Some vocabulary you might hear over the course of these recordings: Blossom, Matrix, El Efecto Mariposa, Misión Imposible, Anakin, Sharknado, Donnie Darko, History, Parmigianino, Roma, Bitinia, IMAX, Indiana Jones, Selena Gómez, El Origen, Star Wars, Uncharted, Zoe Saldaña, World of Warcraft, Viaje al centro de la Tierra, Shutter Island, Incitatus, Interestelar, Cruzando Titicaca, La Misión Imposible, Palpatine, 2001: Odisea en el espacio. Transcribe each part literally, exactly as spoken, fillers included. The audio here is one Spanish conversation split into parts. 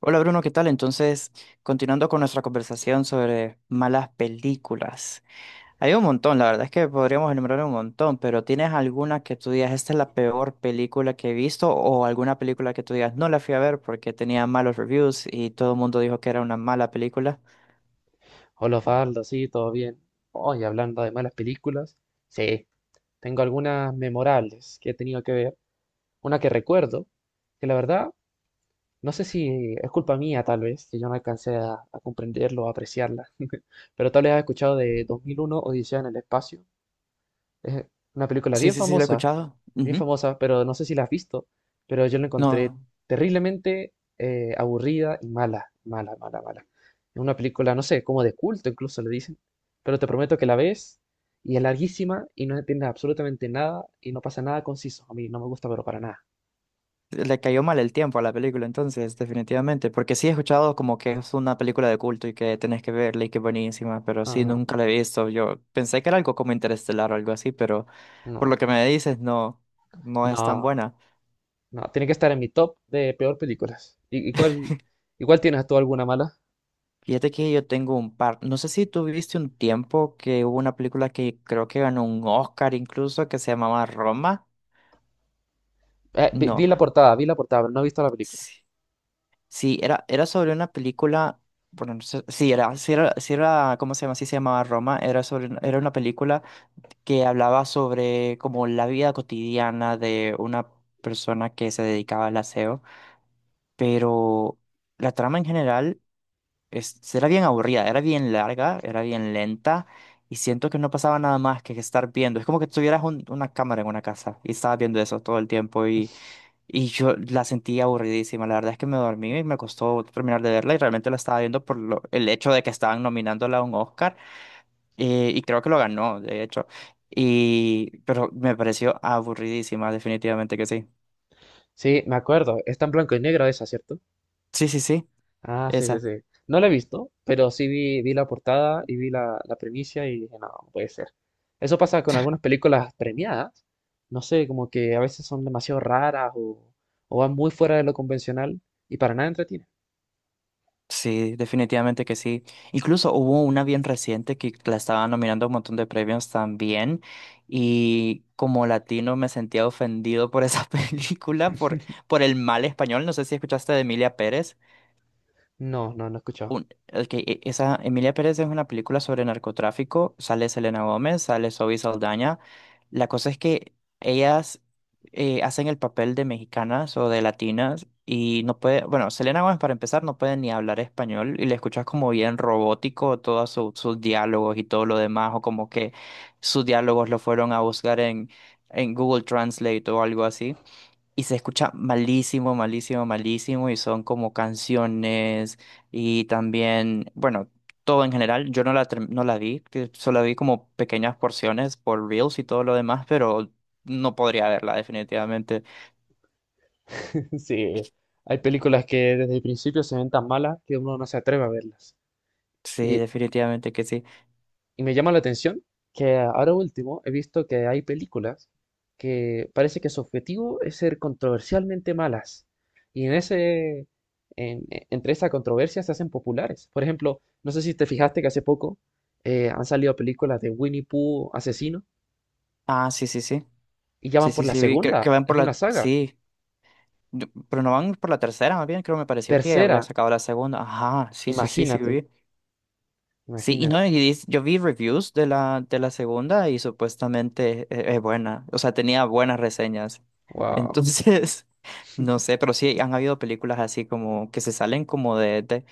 Hola Bruno, ¿qué tal? Entonces, continuando con nuestra conversación sobre malas películas. Hay un montón, la verdad es que podríamos enumerar un montón, pero ¿tienes alguna que tú digas, esta es la peor película que he visto? ¿O alguna película que tú digas, no la fui a ver porque tenía malos reviews y todo el mundo dijo que era una mala película? Hola, Faldo, sí, todo bien. Hoy, hablando de malas películas, sí, tengo algunas memorables que he tenido que ver. Una que recuerdo, que la verdad, no sé si es culpa mía, tal vez, que yo no alcancé a, a comprenderlo o apreciarla, pero tal vez has escuchado de dos mil uno, Odisea en el espacio. Es una película Sí, bien sí, sí, la he famosa, escuchado. bien Ujú. famosa, pero no sé si la has visto, pero yo la encontré No. terriblemente eh, aburrida y mala, mala, mala, mala. Es una película, no sé, como de culto incluso le dicen, pero te prometo que la ves y es larguísima y no entiendes absolutamente nada y no pasa nada conciso. A mí no me gusta, pero para nada. Le cayó mal el tiempo a la película, entonces, definitivamente. Porque sí he escuchado como que es una película de culto y que tenés que verla y que es buenísima, pero sí, Ah, nunca la he visto. Yo pensé que era algo como Interestelar o algo así, pero por lo no, que me dices, no, no es tan no, buena. no, tiene que estar en mi top de peor películas. ¿Y, y cuál, y cuál tienes tú alguna mala? Fíjate que yo tengo un par. No sé si tú viste un tiempo que hubo una película que creo que ganó un Oscar incluso, que se llamaba Roma. Eh, vi, No. vi la portada, vi la portada, pero no he visto la película. Sí. Sí, era, era sobre una película, bueno, no sé- sí, era, sí era, sí era, ¿cómo se llama? Sí se llamaba Roma, era sobre, una- era una película que hablaba sobre como la vida cotidiana de una persona que se dedicaba al aseo, pero la trama en general es, era bien aburrida, era bien larga, era bien lenta, y siento que no pasaba nada más que estar viendo, es como que tuvieras un- una cámara en una casa y estabas viendo eso todo el tiempo y yo la sentí aburridísima. La verdad es que me dormí y me costó terminar de verla y realmente la estaba viendo por lo- el hecho de que estaban nominándola a un Oscar, eh, y creo que lo ganó, de hecho. Y, pero me pareció aburridísima, definitivamente que sí. Sí, me acuerdo. Está en blanco y negro esa, ¿cierto? Sí, sí, sí, Ah, sí, sí, esa. sí. No la he visto, pero sí vi, vi la portada y vi la, la premisa y dije, no, no puede ser. Eso pasa con algunas películas premiadas. No sé, como que a veces son demasiado raras o, o van muy fuera de lo convencional y para nada entretienen. Sí, definitivamente que sí. Incluso hubo una bien reciente que la estaba nominando a un montón de premios también y como latino me sentía ofendido por esa película, por, por, el mal español. No sé si escuchaste de Emilia Pérez. No, no, no he escuchado. un- ok, e- esa Emilia Pérez es una película sobre narcotráfico, sale Selena Gómez, sale Zoe Saldaña. La cosa es que ellas, eh, hacen el papel de mexicanas o de latinas y no puede, bueno, Selena Gómez para empezar no puede ni hablar español y le escuchas como bien robótico todos su- sus diálogos y todo lo demás, o como que sus diálogos lo fueron a buscar en, en Google Translate o algo así. Y se escucha malísimo, malísimo, malísimo. Y son como canciones y también, bueno, todo en general. Yo no la, term- no la vi, que solo vi como pequeñas porciones por Reels y todo lo demás, pero no podría verla definitivamente. Es Sí, que- hay películas que desde el principio se ven tan malas que uno no se atreve a verlas. Sí, Y, definitivamente que sí. Y me llama la atención que ahora último he visto que hay películas que parece que su objetivo es ser controversialmente malas. Y en ese, en- e- entre esa controversia se hacen populares. Por ejemplo, no sé si te fijaste que hace poco eh, han salido películas de Winnie Pooh asesino Ah, sí, sí, sí. y ya Sí, van por sí, la sí, vi que, que segunda. van por Es la... una saga. Sí, yo- pero no van por la tercera, más bien creo me pareció que ya había Tercera, sacado la segunda. Ajá, sí, sí, sí, sí, imagínate, vi. Sí, y no, imagínate. y dis- yo vi reviews de la, de la segunda y supuestamente es, es buena, o sea, tenía buenas reseñas. Wow. Entonces, no sé, pero sí han habido películas así como que se salen como de, de-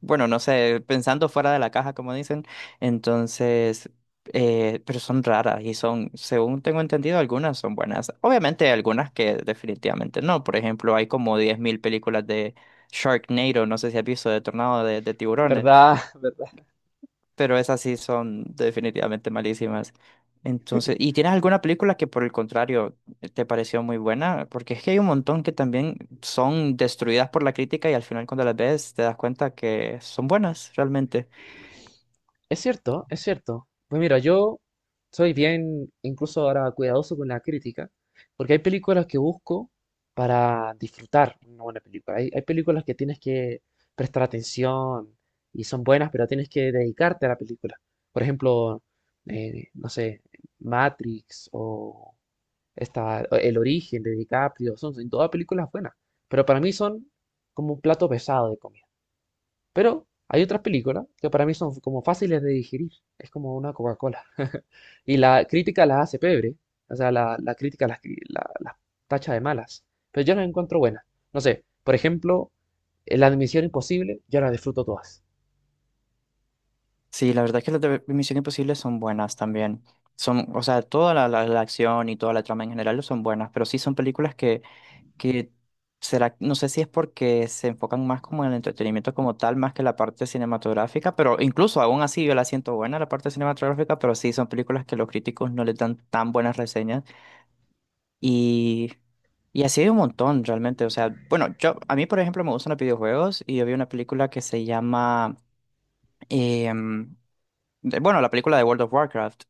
bueno, no sé, pensando fuera de la caja, como dicen. Entonces, eh, pero son raras y son, según tengo entendido, algunas son buenas. Obviamente hay algunas que definitivamente no. Por ejemplo, hay como diez mil películas de Sharknado, no sé si has visto, de Tornado de, de Tiburones, ¿Verdad? pero esas sí son definitivamente malísimas. Entonces, ¿y tienes alguna película que por el contrario te pareció muy buena? Porque es que hay un montón que también son destruidas por la crítica y al final cuando las ves te das cuenta que son buenas realmente. Es cierto, es cierto. Pues mira, yo soy bien, incluso ahora cuidadoso con la crítica, porque hay películas que busco para disfrutar una buena película. Hay, hay películas que tienes que prestar atención y son buenas, pero tienes que dedicarte a la película. Por ejemplo, eh, no sé, Matrix o esta, o El Origen de DiCaprio, son, son todas películas buenas, pero para mí son como un plato pesado de comida. Pero hay otras películas que para mí son como fáciles de digerir. Es como una Coca-Cola. Y la crítica las hace pebre. O sea, la, la crítica las, cri- la- las tacha de malas. Pero yo las encuentro buenas. No sé, por ejemplo, en La Misión Imposible, yo las disfruto todas. Sí, la verdad es que las de Misión Imposible son buenas también. Son, o sea, toda la, la- la acción y toda la trama en general son buenas, pero sí son películas que que será, no sé si es porque se enfocan más como en el entretenimiento como tal, más que la parte cinematográfica, pero incluso aún así yo la siento buena la parte cinematográfica, pero sí son películas que los críticos no les dan tan buenas reseñas, y, y así hay un montón realmente, o sea, bueno, yo, a mí por ejemplo me gustan los videojuegos y yo vi una película que se llama, em, de- bueno, la película de World of Warcraft.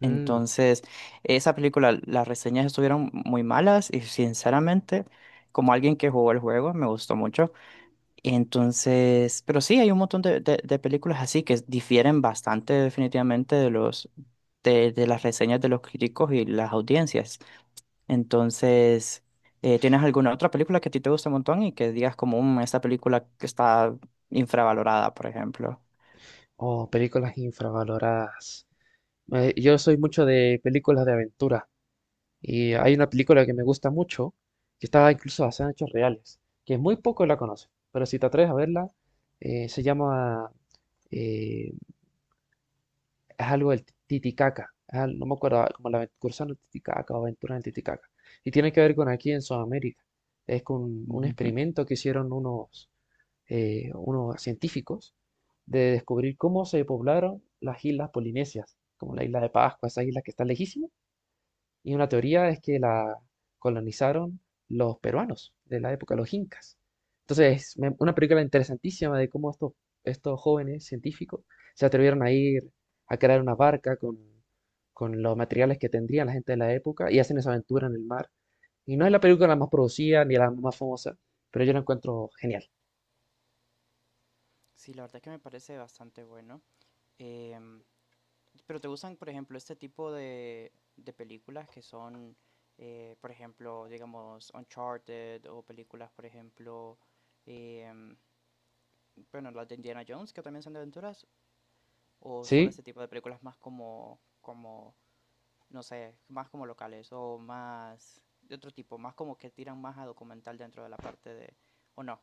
Mm. Entonces, esa película, las reseñas estuvieron muy malas y sinceramente, como alguien que jugó el juego, me gustó mucho. Entonces, pero sí, hay un montón de, de- de películas así que difieren bastante definitivamente de los, de, de las reseñas de los críticos y las audiencias. Entonces, eh, ¿tienes alguna otra película que a ti te gusta un montón y que digas como, "Mm, esta película que está infravalorada", por ejemplo? Oh, películas infravaloradas. Eh, yo soy mucho de películas de aventura. Y hay una película que me gusta mucho, que está incluso basada en hechos reales, que muy poco la conocen, pero si te atreves a verla, eh, se llama, eh, es algo del Titicaca, es al- no me acuerdo, ah, como la aven- Cruzando Titicaca o Aventura en Titicaca, y tiene que ver con aquí en Sudamérica, es con un experimento que hicieron unos, eh, unos científicos de descubrir cómo se poblaron las islas polinesias, como la isla de Pascua, esas islas que están lejísimas y una teoría es que la colonizaron los peruanos de la época, los incas. Entonces, me- una película interesantísima de cómo estos, estos jóvenes científicos se atrevieron a ir a crear una barca con, con los materiales que tendría la gente de la época y hacen esa aventura en el mar. Y no es la película más producida ni la más famosa, pero yo la encuentro genial. Sí, la verdad que me parece bastante bueno. Em, pero ¿te gustan, por ejemplo, este tipo de, de películas que son, eh, por ejemplo, digamos, Uncharted, o películas, por ejemplo, em, bueno, las de Indiana Jones, que también son de aventuras, o solo ¿Sí? este tipo de películas más como, como, no sé, más como locales o más de otro tipo, más como que tiran más a documental dentro de la parte de, o no,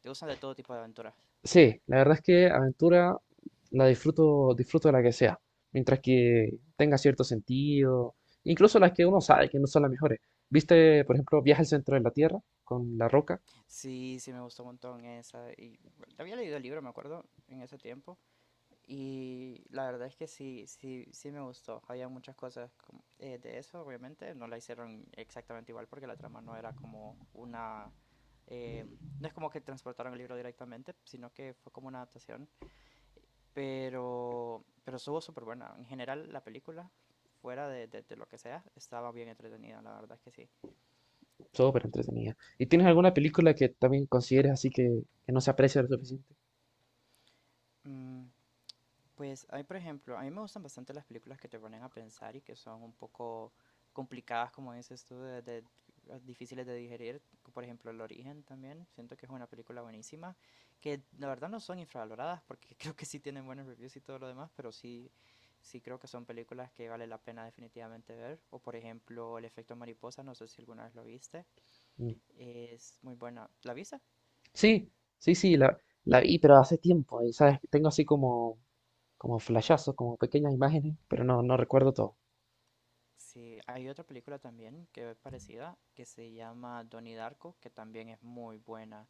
¿te gustan de todo tipo de aventuras? Sí, la verdad es que aventura la disfruto, disfruto de la que sea, mientras que tenga cierto sentido, incluso las que uno sabe que no son las mejores. ¿Viste, por ejemplo, Viaje al centro de la Tierra con La Roca? Sí, sí me gustó un montón esa. Y había leído el libro, me acuerdo, en ese tiempo. Y la verdad es que sí, sí, sí me gustó. Había muchas cosas como- eh, de eso, obviamente. No la hicieron exactamente igual porque la trama no era como una... eh, no es como que transportaron el libro directamente, sino que fue como una adaptación. Pero, pero estuvo súper buena. En general, la película, fuera de, de- de lo que sea, estaba bien entretenida, la verdad es que sí. Súper entretenida. ¿Y tienes alguna película que también consideres así que, que no se aprecia lo suficiente? Mm, Pues hay, por ejemplo, a mí me gustan bastante las películas que te ponen a pensar y que son un poco complicadas, como dices tú, de, de- ah, difíciles de digerir. Por ejemplo, El Origen también. Siento que es una película buenísima, que la verdad no son infravaloradas porque creo que sí tienen buenos reviews y todo lo demás, pero sí, sí creo que son películas que vale la pena definitivamente ver. O por ejemplo, El Efecto Mariposa, no sé si alguna vez lo viste. Mm. Es muy buena. ¿La viste? Sí, sí, sí, la, la vi, pero hace tiempo, y sabes, tengo así como, como flashazos, como pequeñas imágenes, pero no, no recuerdo todo. Sí, hay otra película también que es parecida, que se llama Donnie Darko, que también es muy buena.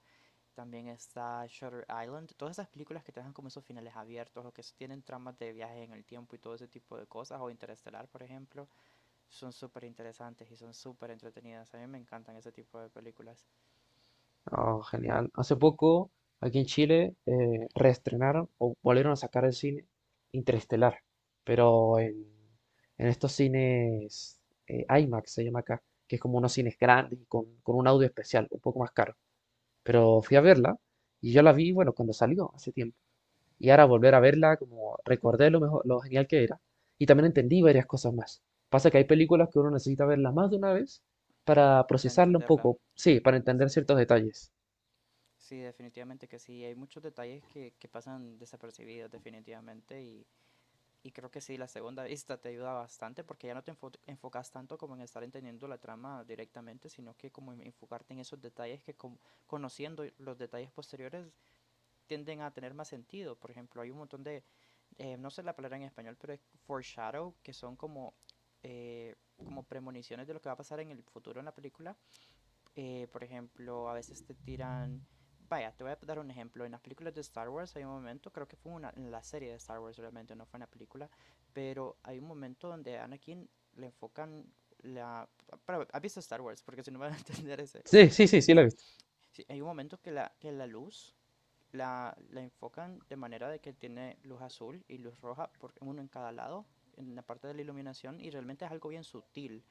También está Shutter Island, todas esas películas que te dejan como esos finales abiertos o que s- tienen tramas de viajes en el tiempo y todo ese tipo de cosas, o Interestelar, por ejemplo, son súper interesantes y son súper entretenidas. A mí me encantan ese tipo de películas Oh, genial. Hace poco, aquí en Chile, eh, reestrenaron o volvieron a sacar el cine Interestelar, pero en, en estos cines eh, IMAX se llama acá, que es como unos cines grandes y con, con un audio especial, un poco más caro. Pero fui a verla y yo la vi, bueno, cuando salió, hace tiempo. Y ahora volver a verla, como recordé lo mejor, lo genial que era. Y también entendí varias cosas más. Pasa que hay películas que uno necesita verlas más de una vez para para procesarla un entenderla. poco, sí, para entender Sí. ciertos detalles. Sí, definitivamente que sí. Hay muchos detalles que, que pasan desapercibidos, definitivamente, y Y creo que sí, la segunda vista te ayuda bastante porque ya no te enfo- enfocas tanto como en estar entendiendo la trama directamente, sino que como en enfocarte en esos detalles que, como- conociendo los detalles posteriores, tienden a tener más sentido. Por ejemplo, hay un montón de, eh, no sé la palabra en español, pero es foreshadow, que son como, eh, como premoniciones de lo que va a pasar en el futuro en la película. Eh, por ejemplo, a veces te tiran... Vaya, te voy a dar un ejemplo. En las películas de Star Wars hay un momento, creo que fue una, en la serie de Star Wars realmente, no fue en la película, pero hay un momento donde a Anakin le enfocan la... Para, ¿has visto Star Wars? Porque si no, van a entender ese... Sí, sí, sí, sí la he Sí, visto. sí, hay un momento que la, que la luz la, la enfocan de manera de que tiene luz azul y luz roja, por, uno en cada lado, en la parte de la iluminación, y realmente es algo bien sutil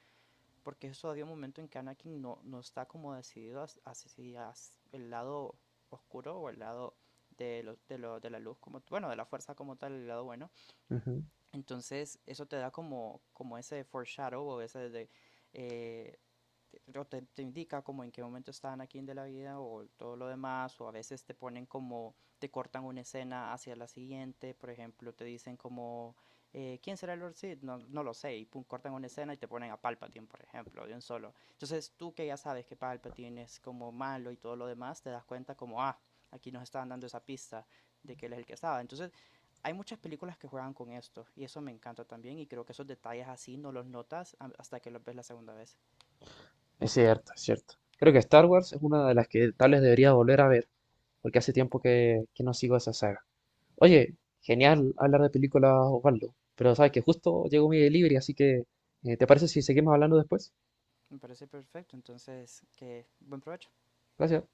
porque eso, había un momento en que Anakin no, no está como decidido hacia el lado oscuro o el lado de, lo, de, lo, de la luz, como bueno, de la fuerza como tal, el lado bueno. Ujú. Entonces eso te da como, como ese foreshadow o ese de... Eh, te, te- te indica como en qué momento están aquí en de la vida o todo lo demás, o a veces te ponen como, te cortan una escena hacia la siguiente, por ejemplo, te dicen como, eh, ¿quién será el Lord Sid? No, no lo sé, y pum, cortan una escena y te ponen a Palpatine, por ejemplo, de un solo. Entonces tú, que ya sabes que Palpatine es como malo y todo lo demás, te das cuenta como, ah, aquí nos estaban dando esa pista de que él es el que estaba. Entonces hay muchas películas que juegan con esto y eso me encanta también, y creo que esos detalles así no los notas hasta que los ves la segunda vez. Es cierto, es cierto. Creo que Star Wars es una de las que tal vez debería volver a ver, porque hace tiempo que, que no sigo esa saga. Oye, genial hablar de películas, Osvaldo, pero sabes que justo llegó mi delivery, así que eh, ¿te parece si seguimos hablando después? Me parece perfecto, entonces que buen provecho. Gracias.